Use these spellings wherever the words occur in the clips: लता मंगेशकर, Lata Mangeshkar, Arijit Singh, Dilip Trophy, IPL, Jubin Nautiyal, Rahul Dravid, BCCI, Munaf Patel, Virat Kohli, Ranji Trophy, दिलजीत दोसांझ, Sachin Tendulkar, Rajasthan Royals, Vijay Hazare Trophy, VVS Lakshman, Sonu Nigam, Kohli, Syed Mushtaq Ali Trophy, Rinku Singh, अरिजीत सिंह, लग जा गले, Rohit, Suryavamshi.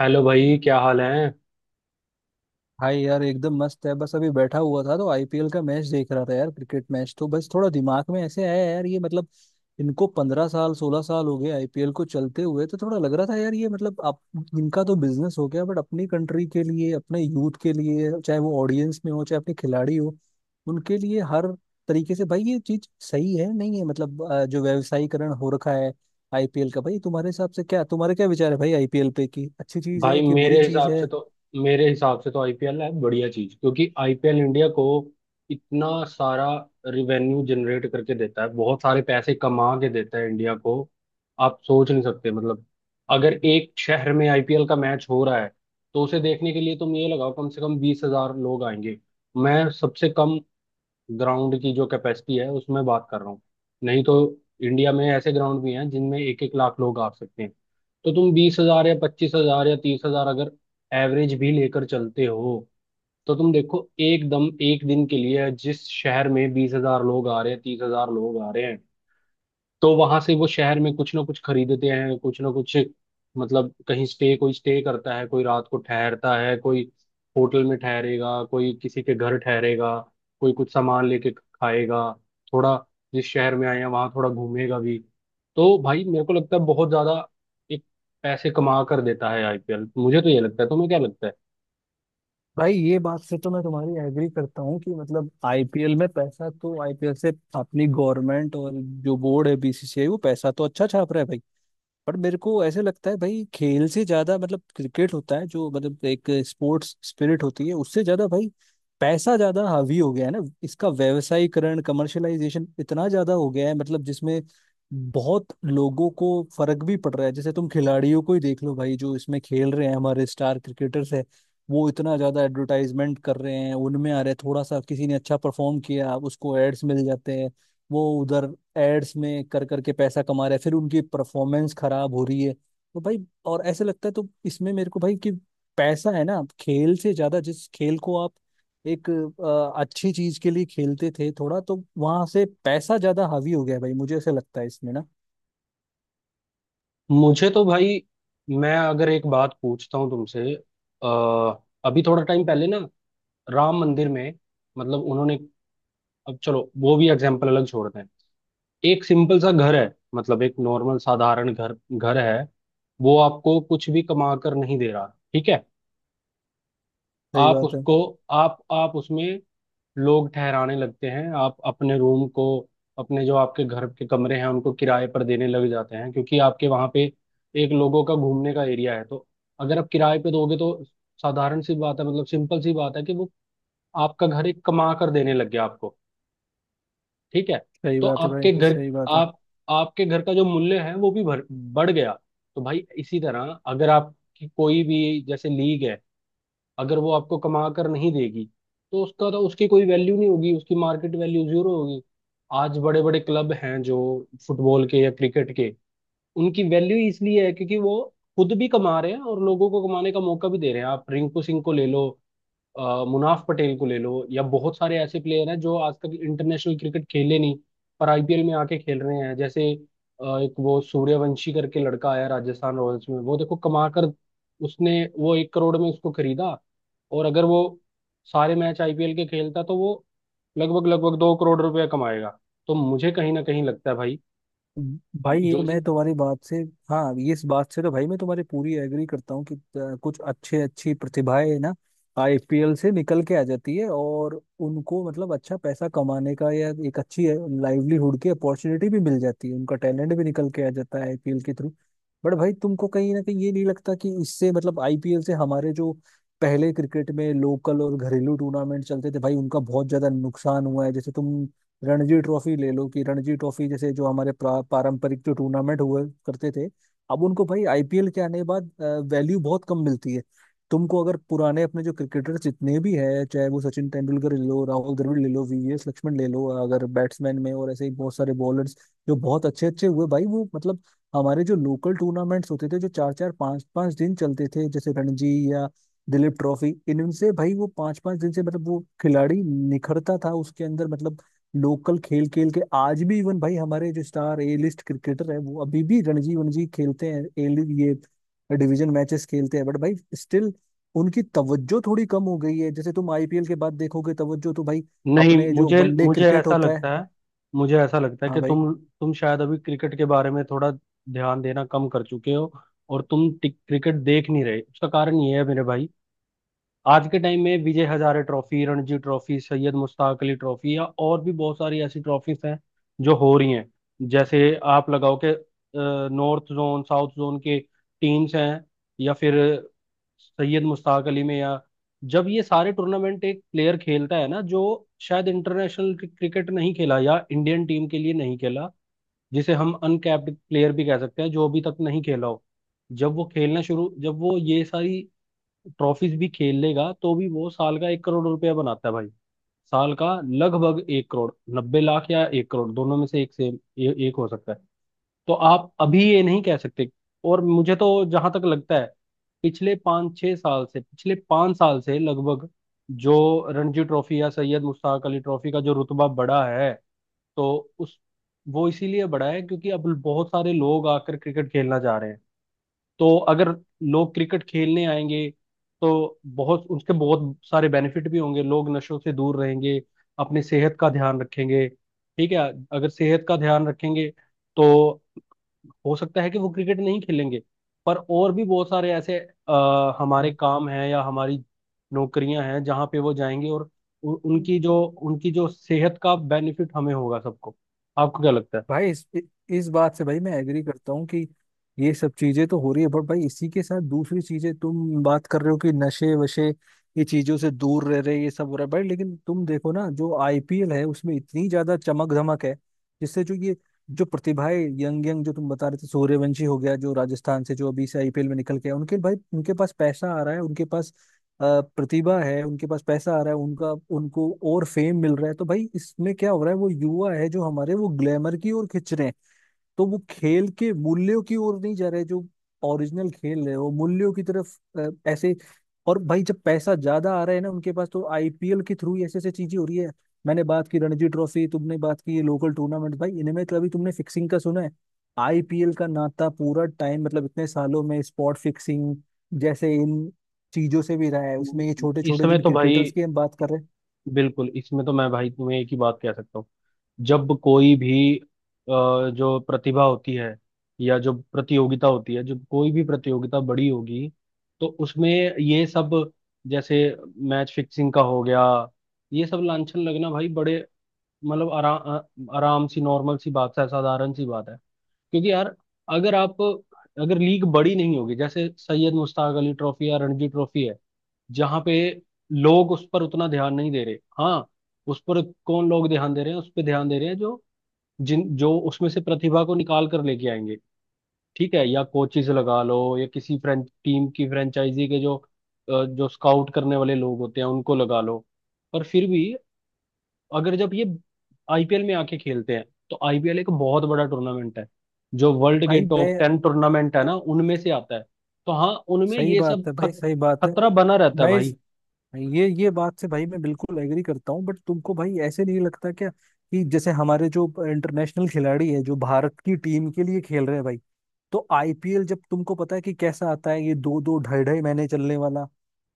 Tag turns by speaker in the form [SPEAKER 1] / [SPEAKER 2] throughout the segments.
[SPEAKER 1] Hello भाई, क्या हाल है
[SPEAKER 2] भाई यार एकदम मस्त है। बस अभी बैठा हुआ था तो आईपीएल का मैच देख रहा था यार। क्रिकेट मैच तो बस थोड़ा दिमाग में ऐसे आया यार, ये मतलब इनको 15 साल 16 साल हो गए आईपीएल को चलते हुए। तो थोड़ा लग रहा था यार, ये मतलब आप इनका तो बिजनेस हो गया, बट अपनी कंट्री के लिए, अपने यूथ के लिए, चाहे वो ऑडियंस में हो चाहे अपने खिलाड़ी हो, उनके लिए हर तरीके से भाई ये चीज सही है नहीं है। मतलब जो व्यवसायीकरण हो रखा है आईपीएल का, भाई तुम्हारे हिसाब से क्या, तुम्हारे क्या विचार है भाई आईपीएल पे, कि अच्छी चीज
[SPEAKER 1] भाई?
[SPEAKER 2] है कि
[SPEAKER 1] मेरे
[SPEAKER 2] बुरी चीज
[SPEAKER 1] हिसाब
[SPEAKER 2] है?
[SPEAKER 1] से तो मेरे हिसाब से तो आईपीएल है बढ़िया चीज क्योंकि आईपीएल इंडिया को इतना सारा रिवेन्यू जनरेट करके देता है। बहुत सारे पैसे कमा के देता है इंडिया को। आप सोच नहीं सकते। मतलब अगर एक शहर में आईपीएल का मैच हो रहा है तो उसे देखने के लिए तुम ये लगाओ, कम से कम 20,000 लोग आएंगे। मैं सबसे कम ग्राउंड की जो कैपेसिटी है उसमें बात कर रहा हूँ। नहीं तो इंडिया में ऐसे ग्राउंड भी हैं जिनमें एक एक लाख लोग आ सकते हैं। तो तुम 20,000 या 25,000 या 30,000 अगर एवरेज भी लेकर चलते हो तो तुम देखो, एकदम एक दिन के लिए जिस शहर में 20,000 लोग आ रहे हैं, 30,000 लोग आ रहे हैं, तो वहां से वो शहर में कुछ ना कुछ खरीदते हैं। कुछ ना कुछ मतलब कहीं स्टे, कोई स्टे करता है, कोई रात को ठहरता है, कोई होटल में ठहरेगा, कोई किसी के घर ठहरेगा, कोई कुछ सामान लेके खाएगा, थोड़ा जिस शहर में आए हैं वहां थोड़ा घूमेगा भी। तो भाई मेरे को लगता है बहुत ज्यादा एक पैसे कमा कर देता है आईपीएल। मुझे तो ये लगता है। तुम्हें क्या लगता है?
[SPEAKER 2] भाई ये बात से तो मैं तुम्हारी एग्री करता हूँ कि मतलब आईपीएल में पैसा, तो आईपीएल से अपनी गवर्नमेंट और जो बोर्ड है बीसीसीआई वो पैसा तो अच्छा छाप रहा है भाई। पर मेरे को ऐसे लगता है भाई, खेल से ज्यादा मतलब क्रिकेट होता है, जो मतलब एक स्पोर्ट्स स्पिरिट होती है, उससे ज्यादा भाई पैसा ज्यादा हावी हो गया है ना। इसका व्यवसायीकरण, कमर्शलाइजेशन इतना ज्यादा हो गया है, मतलब जिसमें बहुत लोगों को फर्क भी पड़ रहा है। जैसे तुम खिलाड़ियों को ही देख लो भाई, जो इसमें खेल रहे हैं हमारे स्टार क्रिकेटर्स है, वो इतना ज्यादा एडवर्टाइजमेंट कर रहे हैं, उनमें आ रहे हैं। थोड़ा सा किसी ने अच्छा परफॉर्म किया उसको एड्स मिल जाते हैं, वो उधर एड्स में कर करके पैसा कमा रहे हैं, फिर उनकी परफॉर्मेंस खराब हो रही है तो भाई। और ऐसे लगता है तो इसमें मेरे को भाई कि पैसा है ना खेल से ज्यादा। जिस खेल को आप एक अच्छी चीज के लिए खेलते थे थोड़ा, तो वहां से पैसा ज्यादा हावी हो गया है भाई। मुझे ऐसे लगता है इसमें ना।
[SPEAKER 1] मुझे तो भाई, मैं अगर एक बात पूछता हूँ तुमसे, अभी थोड़ा टाइम पहले ना राम मंदिर में मतलब उन्होंने, अब चलो वो भी एग्जाम्पल अलग छोड़ते हैं। एक सिंपल सा घर है। मतलब एक नॉर्मल साधारण घर घर है। वो आपको कुछ भी कमा कर नहीं दे रहा। ठीक है?
[SPEAKER 2] सही
[SPEAKER 1] आप
[SPEAKER 2] बात है।
[SPEAKER 1] उसको, आप उसमें लोग ठहराने लगते हैं। आप अपने रूम को, अपने जो आपके घर के कमरे हैं उनको किराए पर देने लग जाते हैं क्योंकि आपके वहां पे एक लोगों का घूमने का एरिया है। तो अगर आप किराए पे दोगे तो साधारण सी बात है, मतलब सिंपल सी बात है कि वो आपका घर एक कमा कर देने लग गया आपको। ठीक है?
[SPEAKER 2] सही
[SPEAKER 1] तो
[SPEAKER 2] बात है भाई, सही बात है।
[SPEAKER 1] आप आपके घर का जो मूल्य है वो भी बढ़ गया। तो भाई इसी तरह, अगर आपकी कोई भी जैसे लीग है, अगर वो आपको कमा कर नहीं देगी तो उसका तो उसकी कोई वैल्यू नहीं होगी। उसकी मार्केट वैल्यू जीरो होगी। आज बड़े बड़े क्लब हैं जो फुटबॉल के या क्रिकेट के, उनकी वैल्यू इसलिए है क्योंकि वो खुद भी कमा रहे हैं और लोगों को कमाने का मौका भी दे रहे हैं। आप रिंकू सिंह को ले लो, मुनाफ पटेल को ले लो, या बहुत सारे ऐसे प्लेयर हैं जो आज तक इंटरनेशनल क्रिकेट खेले नहीं पर आईपीएल में आके खेल रहे हैं। जैसे एक वो सूर्यवंशी करके लड़का आया राजस्थान रॉयल्स में, वो देखो कमा कर, उसने वो 1 करोड़ में उसको खरीदा और अगर वो सारे मैच आईपीएल के खेलता तो वो लगभग लगभग 2 करोड़ रुपया कमाएगा। तो मुझे कहीं ना कहीं लगता है भाई
[SPEAKER 2] भाई ये
[SPEAKER 1] जो चीज
[SPEAKER 2] मैं तुम्हारी बात से, हाँ, ये इस बात से तो भाई मैं तुम्हारी पूरी एग्री करता हूँ कि कुछ अच्छे अच्छी प्रतिभाएं ना आईपीएल से निकल के आ जाती है, और उनको मतलब अच्छा पैसा कमाने का या एक अच्छी लाइवलीहुड की अपॉर्चुनिटी भी मिल जाती है, उनका टैलेंट भी निकल के आ जाता है आईपीएल के थ्रू। बट भाई तुमको कहीं ना कहीं ये नहीं लगता कि इससे मतलब आईपीएल से हमारे जो पहले क्रिकेट में लोकल और घरेलू टूर्नामेंट चलते थे भाई उनका बहुत ज्यादा नुकसान हुआ है? जैसे तुम रणजी ट्रॉफी ले लो, कि रणजी ट्रॉफी जैसे जो हमारे पारंपरिक जो टूर्नामेंट हुआ करते थे, अब उनको भाई आईपीएल के आने के बाद वैल्यू बहुत कम मिलती है। तुमको अगर पुराने अपने जो क्रिकेटर्स जितने भी हैं, चाहे वो सचिन तेंदुलकर ले लो, राहुल द्रविड़ ले लो, वीवीएस लक्ष्मण ले लो अगर बैट्समैन में, और ऐसे ही बहुत सारे बॉलर्स जो बहुत अच्छे अच्छे हुए भाई, वो मतलब हमारे जो लोकल टूर्नामेंट्स होते थे जो चार चार पांच पांच दिन चलते थे जैसे रणजी या दिलीप ट्रॉफी, इनसे भाई वो पांच पांच दिन से मतलब वो खिलाड़ी निखरता था उसके अंदर। मतलब लोकल खेल खेल के आज भी इवन भाई हमारे जो स्टार ए लिस्ट क्रिकेटर है, वो अभी भी रणजी वनजी खेलते हैं, ए ये डिवीजन मैचेस खेलते हैं, बट भाई स्टिल उनकी तवज्जो थोड़ी कम हो गई है। जैसे तुम आईपीएल के बाद देखोगे तवज्जो, तो भाई
[SPEAKER 1] नहीं,
[SPEAKER 2] अपने जो
[SPEAKER 1] मुझे
[SPEAKER 2] वनडे
[SPEAKER 1] मुझे
[SPEAKER 2] क्रिकेट
[SPEAKER 1] ऐसा
[SPEAKER 2] होता है।
[SPEAKER 1] लगता है। मुझे ऐसा लगता है
[SPEAKER 2] हाँ
[SPEAKER 1] कि
[SPEAKER 2] भाई।
[SPEAKER 1] तुम शायद अभी क्रिकेट के बारे में थोड़ा ध्यान देना कम कर चुके हो और तुम क्रिकेट देख नहीं रहे। उसका कारण ये है मेरे भाई, आज के टाइम में Vijay Hazare trophy, Ranji trophy, Syed Mushtaq Ali trophy या और भी बहुत सारी ऐसी ट्रॉफीज हैं जो हो रही हैं। जैसे आप लगाओ कि नॉर्थ जोन, साउथ जोन के टीम्स हैं, या फिर सैयद मुश्ताक अली में, या जब ये सारे टूर्नामेंट एक प्लेयर खेलता है ना, जो शायद इंटरनेशनल क्रिकेट नहीं खेला या इंडियन टीम के लिए नहीं खेला, जिसे हम अनकैप्ड प्लेयर भी कह सकते हैं, जो अभी तक नहीं खेला हो, जब वो ये सारी ट्रॉफीज भी खेल लेगा तो भी वो साल का 1 करोड़ रुपया बनाता है भाई। साल का लगभग 1 करोड़, 90 लाख या 1 करोड़, दोनों में से एक से एक हो सकता है। तो आप अभी ये नहीं कह सकते। और मुझे तो जहां तक लगता है, पिछले 5 साल से लगभग जो रणजी ट्रॉफी या सैयद मुश्ताक अली ट्रॉफी का जो रुतबा बढ़ा है, तो उस वो इसीलिए बढ़ा है क्योंकि अब बहुत सारे लोग आकर क्रिकेट खेलना चाह रहे हैं। तो अगर लोग क्रिकेट खेलने आएंगे तो बहुत उसके बहुत सारे बेनिफिट भी होंगे। लोग नशों से दूर रहेंगे, अपनी सेहत का ध्यान रखेंगे। ठीक है? अगर सेहत का ध्यान रखेंगे तो हो सकता है कि वो क्रिकेट नहीं खेलेंगे, पर और भी बहुत सारे ऐसे हमारे काम हैं या हमारी नौकरियां हैं जहां पे वो जाएंगे, और उ, उनकी जो सेहत का बेनिफिट हमें होगा सबको। आपको क्या लगता है?
[SPEAKER 2] भाई इस बात से भाई मैं एग्री करता हूँ कि ये सब चीजें तो हो रही है, बट भाई इसी के साथ दूसरी चीजें तुम बात कर रहे हो कि नशे वशे ये चीजों से दूर रह रहे, ये सब हो रहा है भाई। लेकिन तुम देखो ना, जो आईपीएल है उसमें इतनी ज्यादा चमक धमक है, जिससे जो ये जो प्रतिभाएं, यंग यंग जो तुम बता रहे थे, सूर्यवंशी हो गया जो राजस्थान से जो अभी से आईपीएल में निकल के आया, उनके भाई उनके पास पैसा आ रहा है, उनके पास अ, प्रतिभा है, उनके पास पैसा आ रहा है, उनका उनको और फेम मिल रहा है। तो भाई इसमें क्या हो रहा है, वो युवा है जो हमारे, वो ग्लैमर की ओर खिंच रहे हैं, तो वो खेल के मूल्यों की ओर नहीं जा रहे, जो ओरिजिनल खेल है वो मूल्यों की तरफ ऐसे। और भाई जब पैसा ज्यादा आ रहा है ना उनके पास, तो आईपीएल के थ्रू ही ऐसे ऐसे चीजें हो रही है। मैंने बात की रणजी ट्रॉफी, तुमने बात की ये लोकल टूर्नामेंट, भाई इनमें कभी तुमने फिक्सिंग का सुना है? आईपीएल का नाता पूरा टाइम मतलब इतने सालों में स्पॉट फिक्सिंग जैसे इन चीजों से भी रहा है, उसमें ये छोटे
[SPEAKER 1] इस
[SPEAKER 2] छोटे
[SPEAKER 1] समय
[SPEAKER 2] जिन
[SPEAKER 1] तो भाई
[SPEAKER 2] क्रिकेटर्स की हम बात कर रहे हैं।
[SPEAKER 1] बिल्कुल, इसमें तो मैं भाई तुम्हें एक ही बात कह सकता हूँ। जब कोई भी जो प्रतिभा होती है या जो प्रतियोगिता होती है, जब कोई भी प्रतियोगिता बड़ी होगी तो उसमें ये सब, जैसे मैच फिक्सिंग का हो गया, ये सब लांछन लगना भाई बड़े, मतलब आराम आराम सी नॉर्मल सी बात है, साधारण सी बात है। क्योंकि यार, अगर आप अगर लीग बड़ी नहीं होगी, जैसे सैयद मुश्ताक अली ट्रॉफी या रणजी ट्रॉफी है, जहाँ पे लोग उस पर उतना ध्यान नहीं दे रहे। हाँ, उस पर कौन लोग ध्यान दे रहे हैं? उस पर ध्यान दे रहे हैं जो, जिन जो उसमें से प्रतिभा को निकाल कर लेके आएंगे। ठीक है? या कोचिज लगा लो, या किसी फ्रेंच टीम की फ्रेंचाइजी के जो जो स्काउट करने वाले लोग होते हैं, उनको लगा लो। पर फिर भी अगर जब ये आईपीएल में आके खेलते हैं तो आईपीएल एक बहुत बड़ा टूर्नामेंट है, जो वर्ल्ड के
[SPEAKER 2] भाई
[SPEAKER 1] टॉप
[SPEAKER 2] मैं,
[SPEAKER 1] टेन टूर्नामेंट है ना उनमें से आता है। तो हाँ, उनमें
[SPEAKER 2] सही
[SPEAKER 1] ये सब
[SPEAKER 2] बात है भाई, सही बात है।
[SPEAKER 1] खतरा बना रहता है
[SPEAKER 2] मैं इस,
[SPEAKER 1] भाई।
[SPEAKER 2] ये बात से भाई मैं बिल्कुल एग्री करता हूँ, बट तुमको भाई ऐसे नहीं लगता क्या कि जैसे हमारे जो इंटरनेशनल खिलाड़ी है जो भारत की टीम के लिए खेल रहे हैं भाई, तो आईपीएल जब तुमको पता है कि कैसा आता है, ये दो दो ढाई ढाई महीने चलने वाला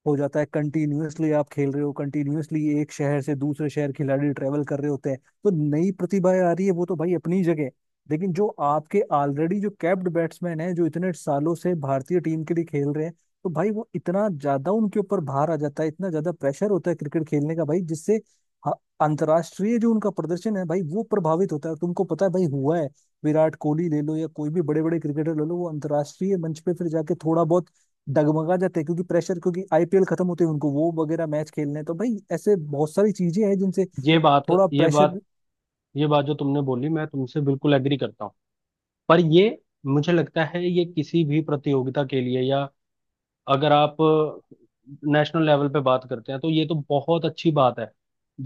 [SPEAKER 2] हो जाता है, कंटिन्यूअसली आप खेल रहे हो, कंटिन्यूअसली एक शहर से दूसरे शहर खिलाड़ी ट्रेवल कर रहे होते हैं। तो नई प्रतिभाएं आ रही है वो तो भाई अपनी जगह, लेकिन जो आपके ऑलरेडी जो कैप्ड बैट्समैन हैं जो इतने सालों से भारतीय टीम के लिए खेल रहे हैं, तो भाई वो इतना ज्यादा उनके ऊपर भार आ जाता है, इतना ज्यादा प्रेशर होता है क्रिकेट खेलने का भाई, जिससे ह- अंतर्राष्ट्रीय जो उनका प्रदर्शन है भाई वो प्रभावित होता है। तुमको पता है भाई हुआ है, विराट कोहली ले लो या कोई भी बड़े बड़े क्रिकेटर ले लो, वो अंतर्राष्ट्रीय मंच पे फिर जाके थोड़ा बहुत डगमगा जाते हैं, क्योंकि प्रेशर, क्योंकि आईपीएल खत्म होते हैं उनको वो वगैरह मैच खेलने हैं, तो भाई ऐसे बहुत सारी चीजें हैं जिनसे
[SPEAKER 1] ये बात
[SPEAKER 2] थोड़ा
[SPEAKER 1] ये बात
[SPEAKER 2] प्रेशर।
[SPEAKER 1] ये बात जो तुमने बोली, मैं तुमसे बिल्कुल एग्री करता हूँ। पर ये, मुझे लगता है ये किसी भी प्रतियोगिता के लिए, या अगर आप नेशनल लेवल पे बात करते हैं, तो ये तो बहुत अच्छी बात है।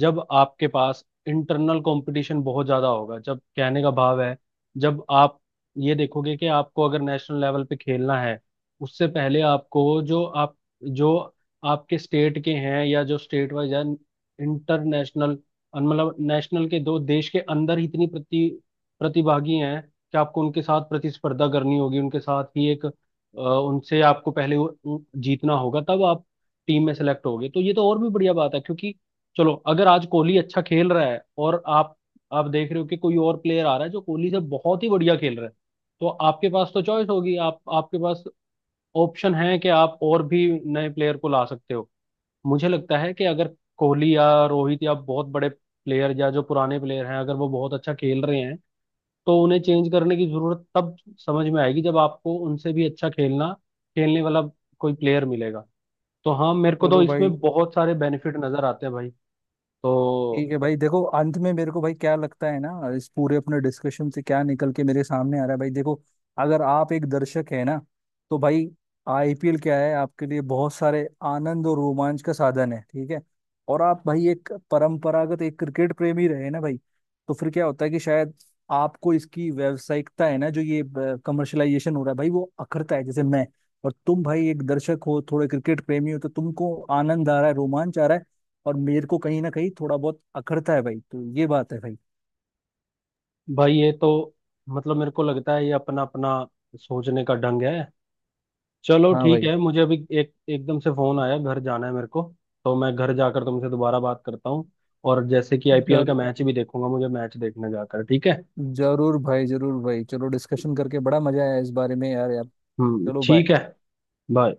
[SPEAKER 1] जब आपके पास इंटरनल कंपटीशन बहुत ज्यादा होगा, जब कहने का भाव है, जब आप ये देखोगे कि आपको अगर नेशनल लेवल पे खेलना है, उससे पहले आपको जो आपके स्टेट के हैं या जो स्टेट वाइज है, इंटरनेशनल मतलब नेशनल के, दो देश के अंदर ही इतनी प्रतिभागी हैं, कि आपको उनके साथ प्रतिस्पर्धा करनी होगी, उनके साथ ही एक, उनसे आपको पहले जीतना होगा तब आप टीम में सेलेक्ट होगे। तो ये तो और भी बढ़िया बात है क्योंकि चलो अगर आज कोहली अच्छा खेल रहा है और आप देख रहे हो कि कोई और प्लेयर आ रहा है जो कोहली से बहुत ही बढ़िया खेल रहा है, तो आपके पास तो चॉइस होगी। आप आपके पास ऑप्शन है कि आप और भी नए प्लेयर को ला सकते हो। मुझे लगता है कि अगर कोहली या रोहित या बहुत बड़े प्लेयर या जो पुराने प्लेयर हैं, अगर वो बहुत अच्छा खेल रहे हैं, तो उन्हें चेंज करने की जरूरत तब समझ में आएगी जब आपको उनसे भी अच्छा खेलना खेलने वाला कोई प्लेयर मिलेगा। तो हाँ, मेरे को तो
[SPEAKER 2] चलो
[SPEAKER 1] इसमें
[SPEAKER 2] भाई।
[SPEAKER 1] बहुत सारे बेनिफिट नजर आते हैं भाई। तो
[SPEAKER 2] ठीक है भाई, देखो अंत में मेरे को भाई क्या लगता है ना, इस पूरे अपने डिस्कशन से क्या निकल के मेरे सामने आ रहा है भाई देखो, अगर आप एक दर्शक है ना, तो भाई आईपीएल क्या है, आपके लिए बहुत सारे आनंद और रोमांच का साधन है, ठीक है। और आप भाई एक परंपरागत एक क्रिकेट प्रेमी रहे ना भाई, तो फिर क्या होता है कि शायद आपको इसकी व्यावसायिकता है ना, जो ये कमर्शलाइजेशन हो रहा है भाई वो अखरता है, जैसे मैं। और तुम भाई एक दर्शक हो थोड़े क्रिकेट प्रेमी हो, तो तुमको आनंद आ रहा है, रोमांच आ रहा है, और मेरे को कहीं ना कहीं थोड़ा बहुत अखरता है भाई, तो ये बात है भाई।
[SPEAKER 1] भाई ये तो, मतलब मेरे को लगता है ये अपना अपना सोचने का ढंग है। चलो
[SPEAKER 2] हाँ
[SPEAKER 1] ठीक
[SPEAKER 2] भाई।
[SPEAKER 1] है, मुझे अभी एक एकदम से फोन आया, घर जाना है मेरे को। तो मैं घर जाकर तुमसे दोबारा बात करता हूँ। और जैसे कि आईपीएल का
[SPEAKER 2] जर
[SPEAKER 1] मैच भी देखूंगा, मुझे मैच देखने जाकर। ठीक है?
[SPEAKER 2] जरूर भाई, जरूर भाई। चलो, डिस्कशन करके बड़ा मजा आया इस बारे में यार यार।
[SPEAKER 1] हम्म,
[SPEAKER 2] चलो बाय।
[SPEAKER 1] ठीक है। बाय।